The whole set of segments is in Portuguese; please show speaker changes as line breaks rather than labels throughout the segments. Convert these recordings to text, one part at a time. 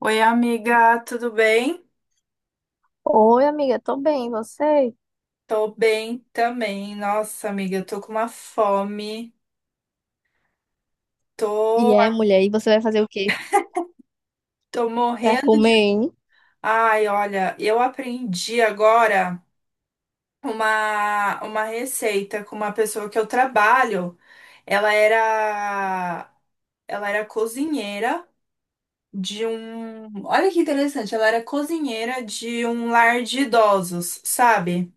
Oi, amiga, tudo bem?
Oi, amiga, tô bem, e você?
Tô bem também. Nossa, amiga, eu tô com uma fome.
E
Tô,
é, mulher, e você vai fazer o quê?
tô
Pra
morrendo
comer,
de.
hein?
Ai, olha, eu aprendi agora uma receita com uma pessoa que eu trabalho. Ela era, ela era cozinheira de um. Olha que interessante, ela era cozinheira de um lar de idosos, sabe?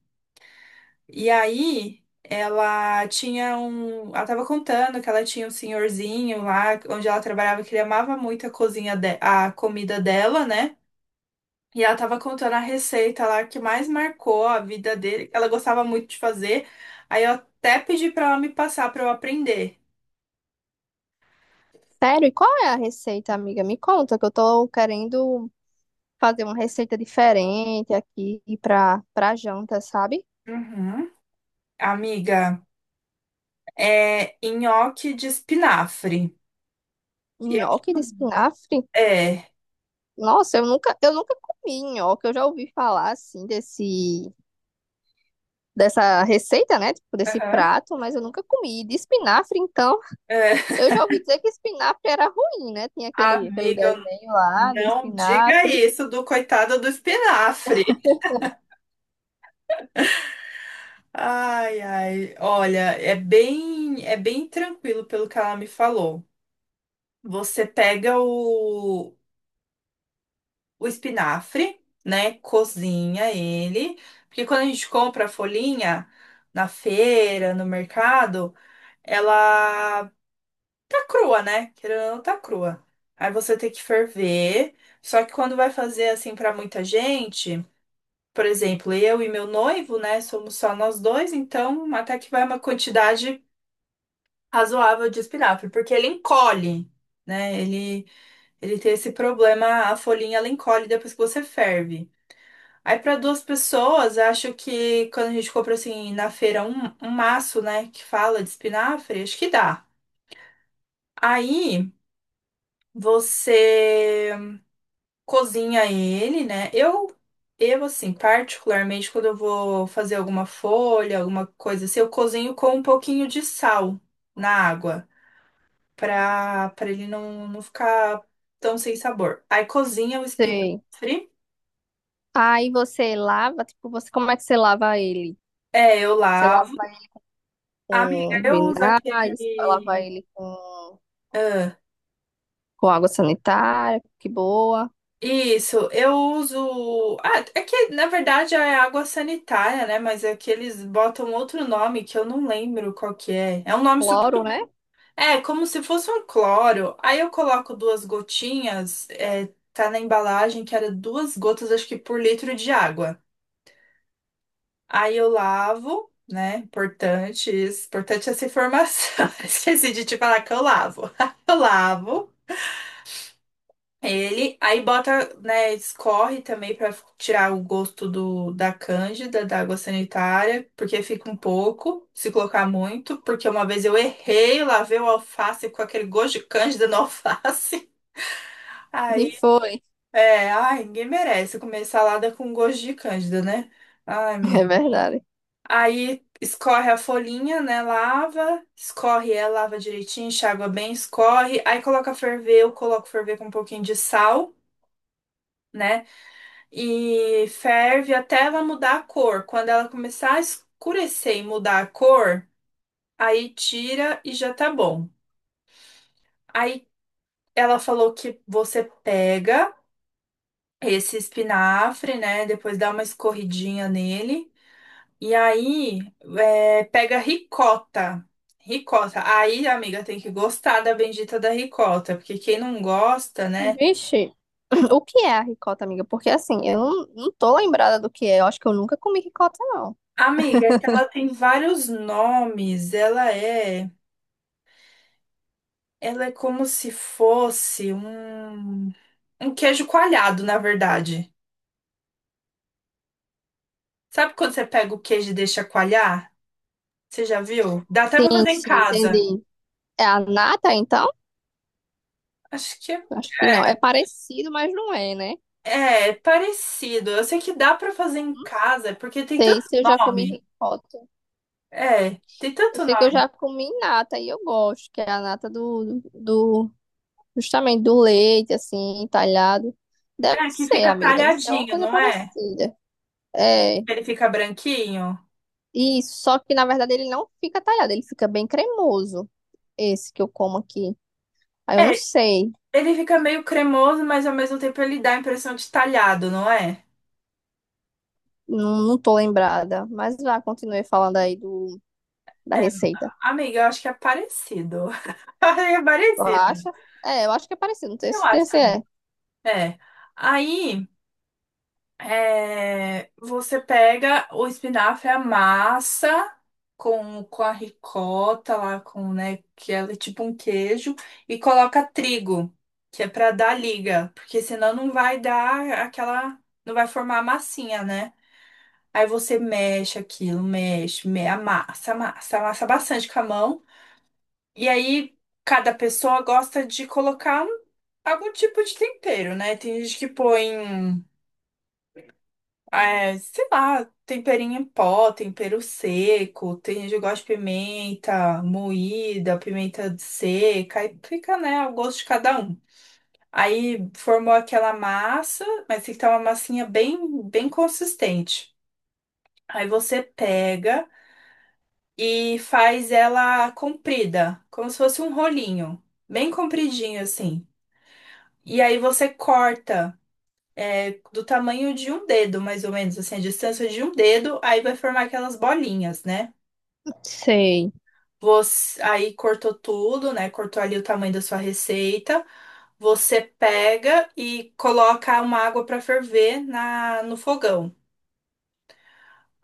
E aí, ela tinha um. Ela tava contando que ela tinha um senhorzinho lá, onde ela trabalhava, que ele amava muito a cozinha de a comida dela, né? E ela tava contando a receita lá que mais marcou a vida dele, que ela gostava muito de fazer. Aí eu até pedi pra ela me passar pra eu aprender.
Sério, e qual é a receita, amiga? Me conta, que eu tô querendo fazer uma receita diferente aqui pra janta, sabe?
Uhum. Amiga, é nhoque de espinafre. E eu-
Nhoque de espinafre?
É.
Nossa, eu nunca comi nhoque, eu já ouvi falar, assim, dessa receita, né? Tipo, desse
Aham.
prato, mas eu nunca comi. E de espinafre, então,
É.
eu já ouvi dizer que espinafre era ruim, né? Tinha aquele
Amiga,
desenho lá do
não diga
espinafre.
isso do coitado do espinafre. Ai, ai, olha, é bem tranquilo pelo que ela me falou. Você pega o espinafre, né? Cozinha ele, porque quando a gente compra a folhinha na feira, no mercado, ela tá crua, né? Querendo ou não, tá crua. Aí você tem que ferver. Só que quando vai fazer assim pra muita gente, por exemplo, eu e meu noivo, né, somos só nós dois, então até que vai uma quantidade razoável de espinafre, porque ele encolhe, né? Ele tem esse problema, a folhinha ela encolhe depois que você ferve. Aí para duas pessoas, eu acho que quando a gente compra assim na feira um maço, né, que fala de espinafre, acho que dá. Aí você cozinha ele, né? Eu assim, particularmente, quando eu vou fazer alguma folha, alguma coisa assim, eu cozinho com um pouquinho de sal na água, pra ele não ficar tão sem sabor. Aí cozinha o
Sei.
espinafre,
Aí você lava, tipo, você, como é que você lava ele?
é, eu
Você lava
lavo.
ele
Amiga,
com
eu uso
vinagre, você lava
aquele.
ele
ah,
com água sanitária, que boa,
Isso, eu uso. Ah, é que na verdade é água sanitária, né? Mas é que eles botam outro nome que eu não lembro qual que é. É um nome super
cloro, né?
é, como se fosse um cloro. Aí eu coloco duas gotinhas, tá na embalagem que era duas gotas, acho que por litro de água. Aí eu lavo, né? Importante isso. Importante essa informação. Esqueci de te falar que eu lavo. Eu lavo. Ele, aí bota, né, escorre também pra tirar o gosto do, da cândida, da água sanitária, porque fica um pouco, se colocar muito, porque uma vez eu errei, lavei o alface com aquele gosto de cândida no alface. Aí,
E foi,
ai, ninguém merece comer salada com gosto de cândida, né? Ai, menina.
é verdade.
Aí escorre a folhinha, né? Lava, escorre ela, lava direitinho, enxágua bem, escorre. Aí coloca a ferver, eu coloco ferver com um pouquinho de sal, né? E ferve até ela mudar a cor. Quando ela começar a escurecer e mudar a cor, aí tira e já tá bom. Aí ela falou que você pega esse espinafre, né? Depois dá uma escorridinha nele. E aí pega ricota. Ricota. Aí, amiga, tem que gostar da bendita da ricota, porque quem não gosta, né?
Vixe, o que é a ricota, amiga? Porque assim, eu não, não tô lembrada do que é, eu acho que eu nunca comi ricota, não.
Amiga, é que ela tem vários nomes. Ela é. Ela é como se fosse um queijo coalhado, na verdade. Sabe quando você pega o queijo e deixa coalhar? Você já viu? Dá até pra
Sim,
fazer em
sim,
casa.
entendi. É a nata, então?
Acho que é,
Acho que não, é parecido, mas não é, né?
é parecido. Eu sei que dá pra fazer em
Não
casa, porque tem tanto
sei se eu já comi
nome.
ricota.
É, tem
Eu
tanto
sei que eu
nome.
já comi nata e eu gosto, que é a nata do justamente do leite, assim, talhado. Deve
É, que
ser,
fica
amiga, deve ser uma
talhadinho,
coisa
não é?
parecida. É,
Ele fica branquinho.
isso, só que na verdade ele não fica talhado, ele fica bem cremoso, esse que eu como aqui. Aí eu não
É,
sei,
ele fica meio cremoso, mas ao mesmo tempo ele dá a impressão de talhado, não é?
não tô lembrada, mas lá continuei falando aí do, da
É,
receita.
amiga, eu acho que é parecido. É
Eu
parecido.
acho, é, eu acho que é parecido, não tenho
Eu acho
certeza se
também.
é.
É. Aí, você pega o espinafre, amassa com a ricota lá, com, né, que ela é tipo um queijo, e coloca trigo, que é pra dar liga, porque senão não vai dar aquela, não vai formar a massinha, né? Aí você mexe aquilo, amassa, amassa, amassa bastante com a mão. E aí, cada pessoa gosta de colocar algum tipo de tempero, né? Tem gente que põe, é, sei lá, temperinho em pó, tempero seco. Tem gente que gosta de pimenta moída, pimenta seca. Aí fica, né, ao gosto de cada um. Aí formou aquela massa, mas tem que estar uma massinha bem consistente. Aí você pega e faz ela comprida, como se fosse um rolinho, bem compridinho assim. E aí você corta é, do tamanho de um dedo, mais ou menos, assim, a distância de um dedo, aí vai formar aquelas bolinhas, né?
Sei.
Você, aí cortou tudo, né? Cortou ali o tamanho da sua receita. Você pega e coloca uma água para ferver no fogão.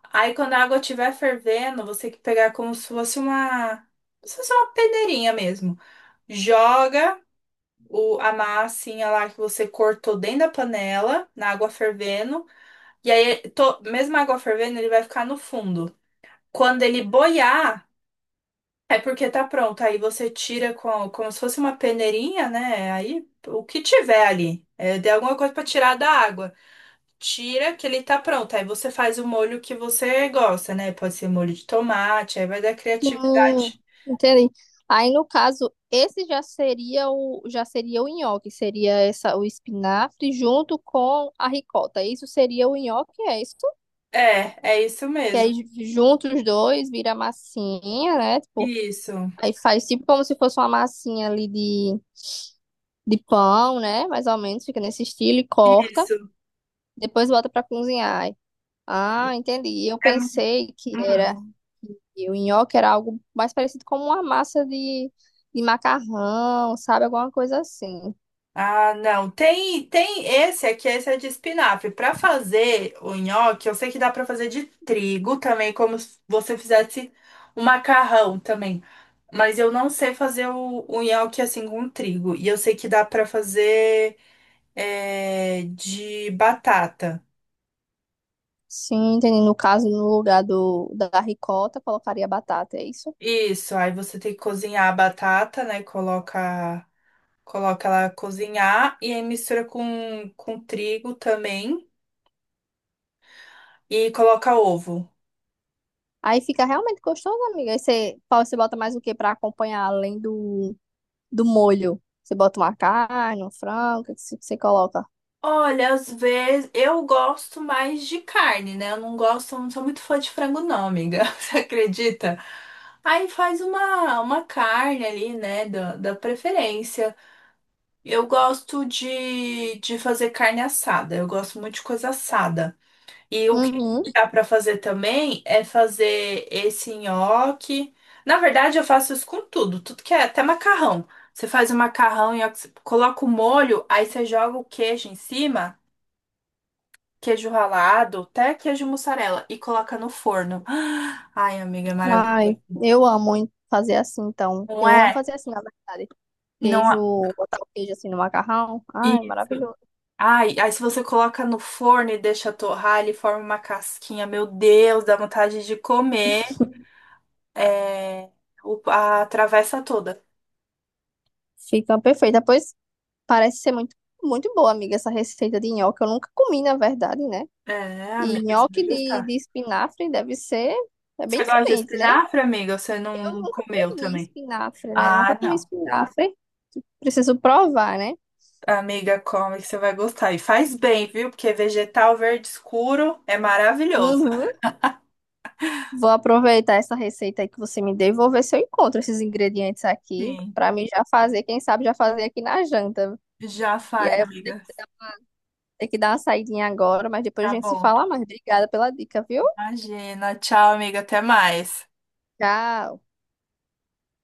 Aí quando a água estiver fervendo, você tem que pegar como se fosse uma peneirinha mesmo. Joga a massinha lá que você cortou dentro da panela, na água fervendo. E aí, mesmo a água fervendo, ele vai ficar no fundo. Quando ele boiar, é porque tá pronto. Aí você tira com, como se fosse uma peneirinha, né? Aí o que tiver ali. É, de alguma coisa pra tirar da água. Tira que ele tá pronto. Aí você faz o molho que você gosta, né? Pode ser molho de tomate, aí vai da
Hum,
criatividade.
entendi. Aí, no caso, esse já seria o nhoque, seria essa o espinafre junto com a ricota. Isso seria o nhoque, é isso?
É, é isso
Que aí
mesmo.
junto os dois vira massinha, né? Tipo,
Isso,
aí faz tipo como se fosse uma massinha ali de pão, né? Mais ou menos, fica nesse estilo e corta.
isso.
Depois volta pra cozinhar. Ah, entendi. Eu
É,
pensei que
hum.
era que o nhoque era algo mais parecido com uma massa de macarrão, sabe? Alguma coisa assim.
Ah, não. Tem esse aqui, esse é de espinafre. Para fazer o nhoque, eu sei que dá para fazer de trigo também, como se você fizesse um macarrão também. Mas eu não sei fazer o nhoque assim com trigo. E eu sei que dá para fazer é, de batata.
Sim, entendi. No caso, no lugar da ricota, colocaria batata, é isso?
Isso, aí você tem que cozinhar a batata, né? Coloca ela cozinhar e aí mistura com trigo também e coloca ovo.
Aí fica realmente gostoso, amiga. Aí você, Paulo, você bota mais o que para acompanhar do molho? Você bota uma carne, um frango, o que que você coloca?
Olha, às vezes eu gosto mais de carne, né? Eu não gosto, não sou muito fã de frango, não, amiga. Você acredita? Aí faz uma carne ali, né? Da preferência. Eu gosto de fazer carne assada. Eu gosto muito de coisa assada. E o que
Uhum.
dá pra fazer também é fazer esse nhoque. Na verdade, eu faço isso com tudo, tudo que é, até macarrão. Você faz o macarrão, nhoque, você coloca o molho, aí você joga o queijo em cima, queijo ralado, até queijo mussarela e coloca no forno. Ai, amiga, é maravilhoso.
Ai, eu amo hein, fazer assim, então.
Não
Eu amo
é?
fazer assim, na verdade.
Não
Queijo,
é
botar o queijo assim no macarrão. Ai,
isso.
maravilhoso.
Ai, aí se você coloca no forno e deixa torrar, ele forma uma casquinha. Meu Deus, dá vontade de comer é, o- a travessa toda.
Fica perfeito. Depois parece ser muito boa, amiga, essa receita de nhoque. Eu nunca comi, na verdade, né?
É,
E
amiga, você vai
nhoque
gostar.
de espinafre deve ser é bem
Você gosta de
diferente, né?
espinafre, amiga? Ou você
Eu
não
nunca
comeu
comi
também?
espinafre, né? Nunca
Ah,
comi
não.
espinafre. Preciso provar, né?
Amiga, come que você vai gostar. E faz bem, viu? Porque vegetal verde escuro é maravilhoso.
Uhum. Vou aproveitar essa receita aí que você me deu e vou ver se eu encontro esses ingredientes aqui
Sim.
para mim já fazer, quem sabe já fazer aqui na janta.
Já
E
faz,
aí eu vou
amiga.
ter que dar uma saidinha agora, mas depois a
Tá
gente se
bom.
fala mais. Obrigada pela dica, viu?
Imagina. Tchau, amiga. Até mais.
Tchau.